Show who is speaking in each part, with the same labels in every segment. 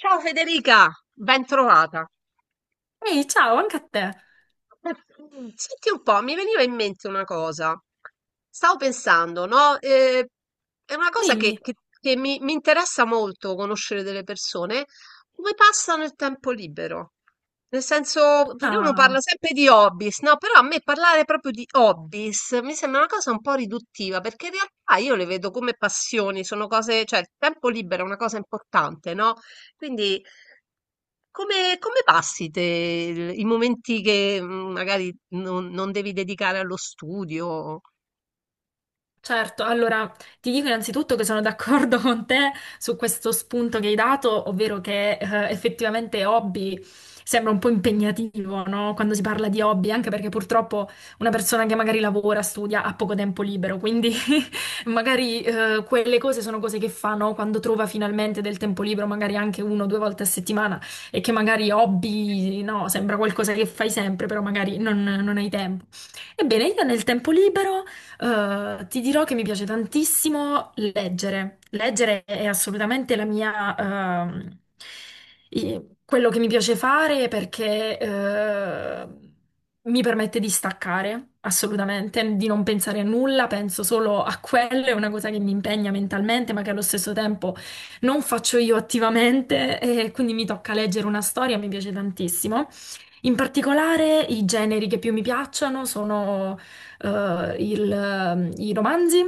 Speaker 1: Ciao Federica, ben trovata.
Speaker 2: Ehi, ciao, anche a te.
Speaker 1: Senti un po', mi veniva in mente una cosa. Stavo pensando, no? È una cosa
Speaker 2: Dimmi.
Speaker 1: che mi interessa molto conoscere delle persone, come passano il tempo libero. Nel senso, perché uno parla
Speaker 2: Ah,
Speaker 1: sempre di hobbies, no? Però a me parlare proprio di hobbies mi sembra una cosa un po' riduttiva, perché in realtà io le vedo come passioni, sono cose, cioè il tempo libero è una cosa importante, no? Quindi come passi te il i momenti che, magari non devi dedicare allo studio?
Speaker 2: certo, allora ti dico innanzitutto che sono d'accordo con te su questo spunto che hai dato, ovvero che effettivamente hobby sembra un po' impegnativo, no? Quando si parla di hobby, anche perché purtroppo una persona che magari lavora, studia, ha poco tempo libero, quindi magari quelle cose sono cose che fa, no? Quando trova finalmente del tempo libero, magari anche uno o due volte a settimana, e che magari hobby, no, sembra qualcosa che fai sempre, però magari non hai tempo. Ebbene, io nel tempo libero. Ti dirò che mi piace tantissimo leggere. Leggere è assolutamente la mia, quello che mi piace fare perché, mi permette di staccare, assolutamente, di non pensare a nulla, penso solo a quello, è una cosa che mi impegna mentalmente, ma che allo stesso tempo non faccio io attivamente, e quindi mi tocca leggere una storia, mi piace tantissimo. In particolare i generi che più mi piacciono sono i romanzi,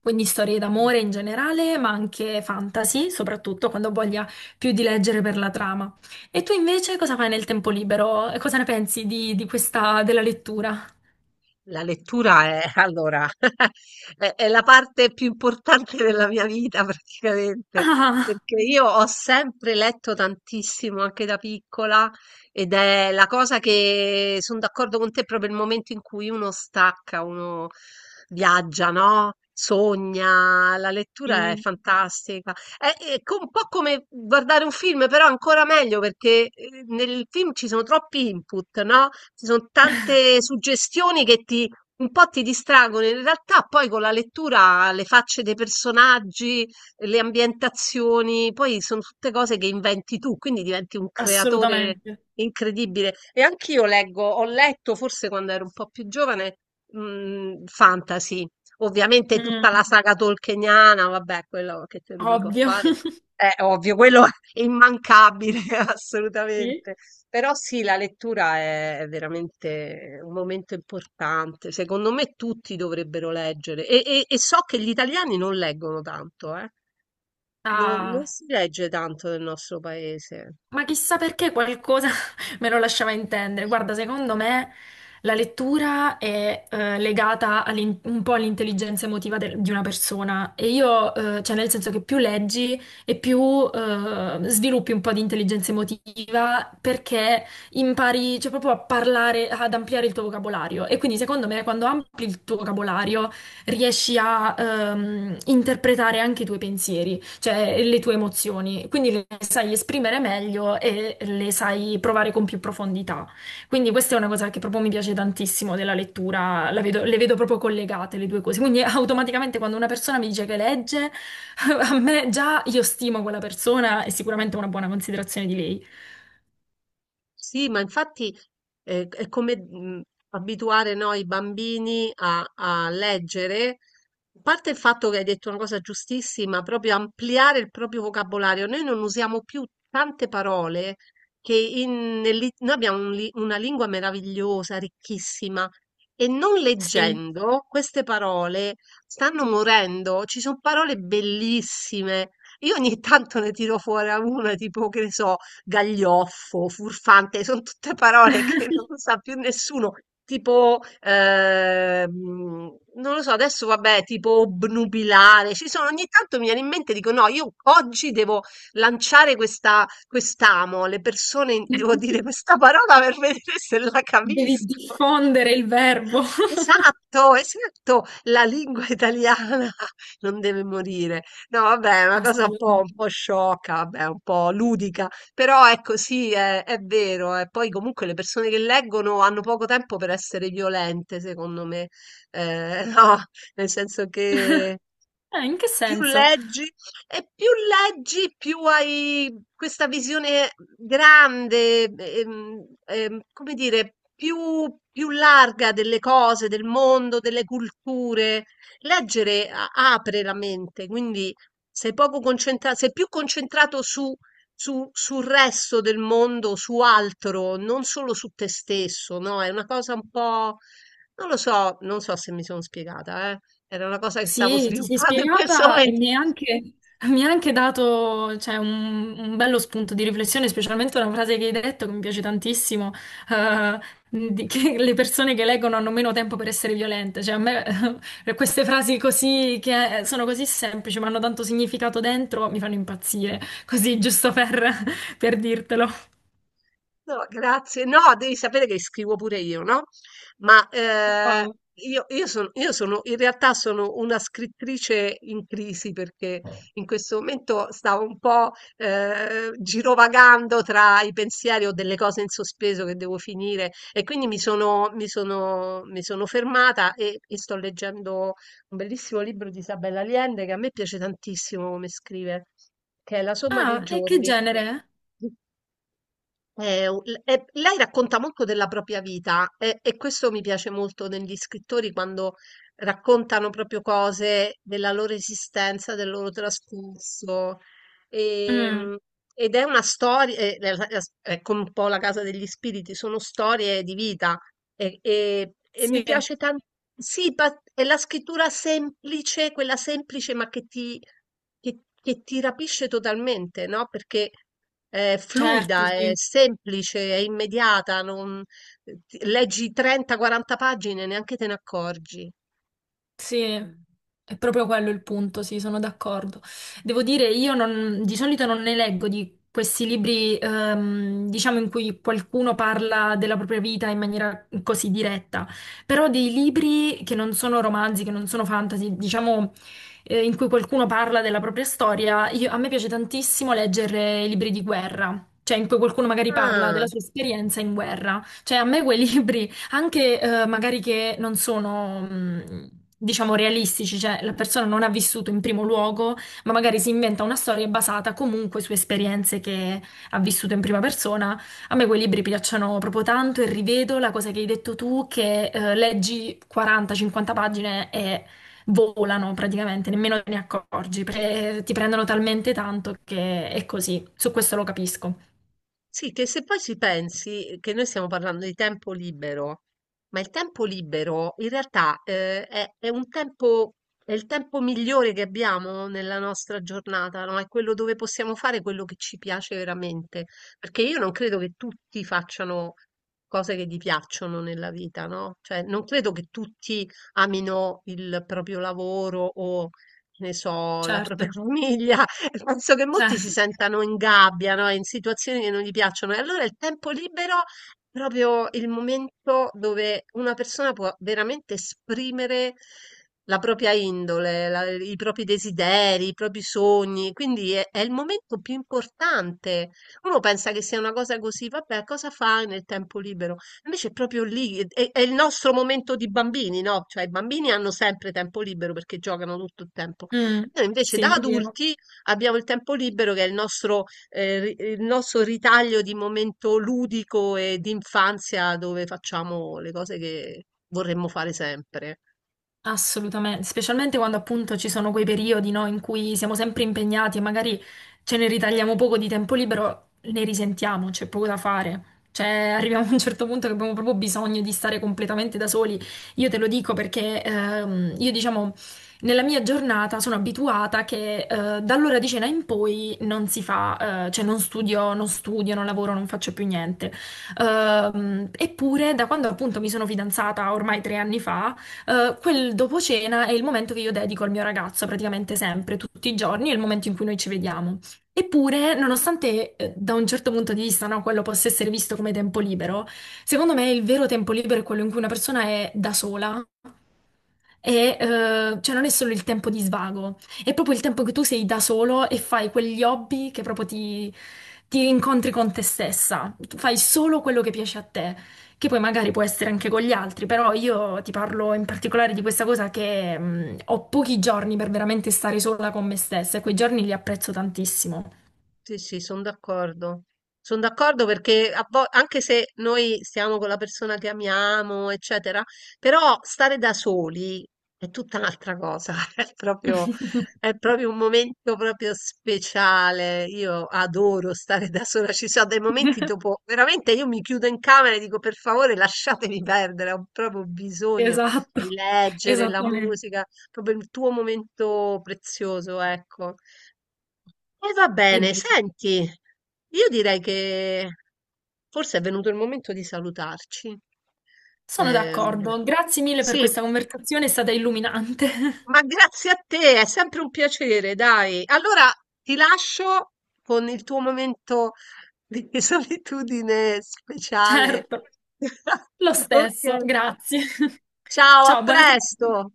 Speaker 2: quindi storie d'amore
Speaker 1: Mh-mh.
Speaker 2: in generale, ma anche fantasy, soprattutto quando ho voglia più di leggere per la trama. E tu invece cosa fai nel tempo libero? E cosa ne pensi di questa, della lettura?
Speaker 1: La lettura è allora, è la parte più importante della mia vita praticamente,
Speaker 2: Ah,
Speaker 1: perché io ho sempre letto tantissimo anche da piccola ed è la cosa che son d'accordo con te, proprio il momento in cui uno stacca, uno viaggia, no, sogna. La lettura è
Speaker 2: sì,
Speaker 1: fantastica. Un po' come guardare un film, però ancora meglio perché nel film ci sono troppi input, no? Ci sono tante suggestioni che ti un po' ti distraggono. In realtà poi con la lettura le facce dei personaggi, le ambientazioni, poi sono tutte cose che inventi tu, quindi diventi un creatore
Speaker 2: assolutamente.
Speaker 1: incredibile. E anch'io leggo, ho letto forse quando ero un po' più giovane, fantasy. Ovviamente tutta la
Speaker 2: Mm,
Speaker 1: saga tolkieniana, vabbè, quello che te lo dico a
Speaker 2: ovvio.
Speaker 1: fare, è ovvio, quello è immancabile,
Speaker 2: Sì?
Speaker 1: assolutamente. Però sì, la lettura è veramente un momento importante. Secondo me tutti dovrebbero leggere. E, e so che gli italiani non leggono tanto, eh. Non
Speaker 2: Ah.
Speaker 1: si legge tanto nel nostro paese.
Speaker 2: Ma chissà perché qualcosa me lo lasciava intendere. Guarda, secondo me la lettura è legata un po' all'intelligenza emotiva di una persona e io, cioè nel senso che più leggi e più sviluppi un po' di intelligenza emotiva perché impari, cioè, proprio a parlare, ad ampliare il tuo vocabolario. E quindi secondo me quando ampli il tuo vocabolario riesci a interpretare anche i tuoi pensieri, cioè le tue emozioni, quindi le sai esprimere meglio e le sai provare con più profondità. Quindi questa è una cosa che proprio mi piace tantissimo della lettura, le vedo proprio collegate le due cose. Quindi automaticamente quando una persona mi dice che legge, a me già io stimo quella persona e sicuramente ho una buona considerazione di lei.
Speaker 1: Sì, ma infatti è come abituare noi i bambini a, a leggere. A parte il fatto che hai detto una cosa giustissima, proprio ampliare il proprio vocabolario. Noi non usiamo più tante parole che noi abbiamo una lingua meravigliosa, ricchissima, e non
Speaker 2: Sì.
Speaker 1: leggendo queste parole stanno morendo. Ci sono parole bellissime. Io ogni tanto ne tiro fuori a una, tipo, che ne so, gaglioffo, furfante, sono tutte parole che non sa più nessuno. Tipo, non lo so, adesso vabbè, tipo obnubilare, ci sono, ogni tanto mi viene in mente, dico no, io oggi devo lanciare questa, quest'amo, alle persone devo dire questa parola per vedere se la
Speaker 2: Devi
Speaker 1: capisco.
Speaker 2: diffondere il verbo.
Speaker 1: Esatto, esatto, la lingua italiana non deve morire. No, vabbè, è una cosa un
Speaker 2: Assolutamente.
Speaker 1: po' sciocca, vabbè, un po' ludica, però ecco, sì, è vero. E poi comunque le persone che leggono hanno poco tempo per essere violente, secondo me. No, nel senso che
Speaker 2: In che
Speaker 1: più
Speaker 2: senso?
Speaker 1: leggi, e più leggi, più hai questa visione grande, come dire, più larga delle cose, del mondo, delle culture. Leggere apre la mente, quindi sei poco concentrato, sei più concentrato sul resto del mondo, su altro, non solo su te stesso, no? È una cosa un po', non lo so, non so se mi sono spiegata, eh. Era una cosa che stavo
Speaker 2: Sì, ti sei
Speaker 1: sviluppando in questo
Speaker 2: spiegata e
Speaker 1: momento.
Speaker 2: mi hai anche dato, cioè, un bello spunto di riflessione, specialmente una frase che hai detto che mi piace tantissimo, eh, che le persone che leggono hanno meno tempo per essere violente. Cioè, a me queste frasi così, che sono così semplici, ma hanno tanto significato dentro, mi fanno impazzire. Così, giusto per dirtelo.
Speaker 1: No, grazie. No, devi sapere che scrivo pure io, no? Ma
Speaker 2: Wow.
Speaker 1: io sono, in realtà sono una scrittrice in crisi perché in questo momento stavo un po' girovagando tra i pensieri o delle cose in sospeso che devo finire e quindi mi sono fermata e sto leggendo un bellissimo libro di Isabella Allende che a me piace tantissimo come scrive, che è La somma dei
Speaker 2: Ah, e che
Speaker 1: giorni.
Speaker 2: genere?
Speaker 1: E lei racconta molto della propria vita e questo mi piace molto negli scrittori quando raccontano proprio cose della loro esistenza, del loro trascorso.
Speaker 2: Mm,
Speaker 1: Ehm, ed è una storia, è come un po' la casa degli spiriti, sono storie di vita e, e mi
Speaker 2: sì,
Speaker 1: piace tanto. Sì, è la scrittura semplice, quella semplice ma che ti, che ti rapisce totalmente, no? Perché è
Speaker 2: certo,
Speaker 1: fluida, è
Speaker 2: sì.
Speaker 1: semplice, è immediata, leggi 30-40 pagine, e neanche te ne accorgi.
Speaker 2: Sì, è proprio quello il punto, sì, sono d'accordo. Devo dire, io non- di solito non ne leggo di questi libri, diciamo, in cui qualcuno parla della propria vita in maniera così diretta, però dei libri che non sono romanzi, che non sono fantasy, diciamo, in cui qualcuno parla della propria storia, a me piace tantissimo leggere i libri di guerra. Cioè, in cui qualcuno magari parla
Speaker 1: Ah.
Speaker 2: della sua esperienza in guerra. Cioè, a me quei libri anche magari che non sono, diciamo, realistici, cioè la persona non ha vissuto in primo luogo, ma magari si inventa una storia basata comunque su esperienze che ha vissuto in prima persona. A me quei libri piacciono proprio tanto e rivedo la cosa che hai detto tu, che leggi 40-50 pagine e volano praticamente, nemmeno te ne accorgi, ti prendono talmente tanto che è così. Su questo lo capisco.
Speaker 1: Sì, che se poi ci pensi che noi stiamo parlando di tempo libero, ma il tempo libero in realtà è un tempo, è il tempo migliore che abbiamo nella nostra giornata, no? È quello dove possiamo fare quello che ci piace veramente. Perché io non credo che tutti facciano cose che gli piacciono nella vita, no? Cioè, non credo che tutti amino il proprio lavoro o, che ne so, la propria
Speaker 2: Certo,
Speaker 1: famiglia. Penso che molti si
Speaker 2: certo.
Speaker 1: sentano in gabbia, no? In situazioni che non gli piacciono. E allora il tempo libero è proprio il momento dove una persona può veramente esprimere la propria indole, i propri desideri, i propri sogni. Quindi è il momento più importante. Uno pensa che sia una cosa così, vabbè, cosa fai nel tempo libero? Invece è proprio lì, è il nostro momento di bambini, no? Cioè i bambini hanno sempre tempo libero perché giocano tutto il tempo.
Speaker 2: Mm,
Speaker 1: Noi invece
Speaker 2: sì, è
Speaker 1: da
Speaker 2: vero.
Speaker 1: adulti abbiamo il tempo libero che è il nostro, il nostro ritaglio di momento ludico e di infanzia dove facciamo le cose che vorremmo fare sempre.
Speaker 2: Assolutamente, specialmente quando appunto ci sono quei periodi, no, in cui siamo sempre impegnati e magari ce ne ritagliamo poco di tempo libero, ne risentiamo, c'è poco da fare. Cioè, arriviamo a un certo punto che abbiamo proprio bisogno di stare completamente da soli. Io te lo dico perché io, diciamo, nella mia giornata sono abituata che dall'ora di cena in poi non si fa, cioè non studio, non lavoro, non faccio più niente. Eppure, da quando appunto mi sono fidanzata ormai 3 anni fa, quel dopo cena è il momento che io dedico al mio ragazzo praticamente sempre, tutti i giorni, è il momento in cui noi ci vediamo. Eppure, nonostante da un certo punto di vista, no, quello possa essere visto come tempo libero, secondo me il vero tempo libero è quello in cui una persona è da sola cioè non è solo il tempo di svago, è proprio il tempo che tu sei da solo e fai quegli hobby che proprio ti incontri con te stessa. Tu fai solo quello che piace a te, che poi magari può essere anche con gli altri, però io ti parlo in particolare di questa cosa che ho pochi giorni per veramente stare sola con me stessa e quei giorni li apprezzo tantissimo.
Speaker 1: Sì, sì, sono d'accordo. Sono d'accordo perché anche se noi stiamo con la persona che amiamo, eccetera, però stare da soli è tutta un'altra cosa. È proprio, è proprio un momento proprio speciale. Io adoro stare da sola. Ci sono dei momenti dopo, veramente io mi chiudo in camera e dico per favore lasciatemi perdere, ho proprio bisogno
Speaker 2: Esatto,
Speaker 1: di leggere la
Speaker 2: esattamente.
Speaker 1: musica, proprio il tuo momento prezioso, ecco. E va
Speaker 2: E
Speaker 1: bene,
Speaker 2: via.
Speaker 1: senti, io direi che forse è venuto il momento di salutarci.
Speaker 2: Sono
Speaker 1: Ehm,
Speaker 2: d'accordo. Grazie mille per
Speaker 1: sì,
Speaker 2: questa conversazione, è stata illuminante.
Speaker 1: ma grazie a te, è sempre un piacere, dai. Allora ti lascio con il tuo momento di solitudine speciale.
Speaker 2: Certo, lo
Speaker 1: Ok,
Speaker 2: stesso, grazie.
Speaker 1: ciao, a
Speaker 2: Ciao, buona serata.
Speaker 1: presto.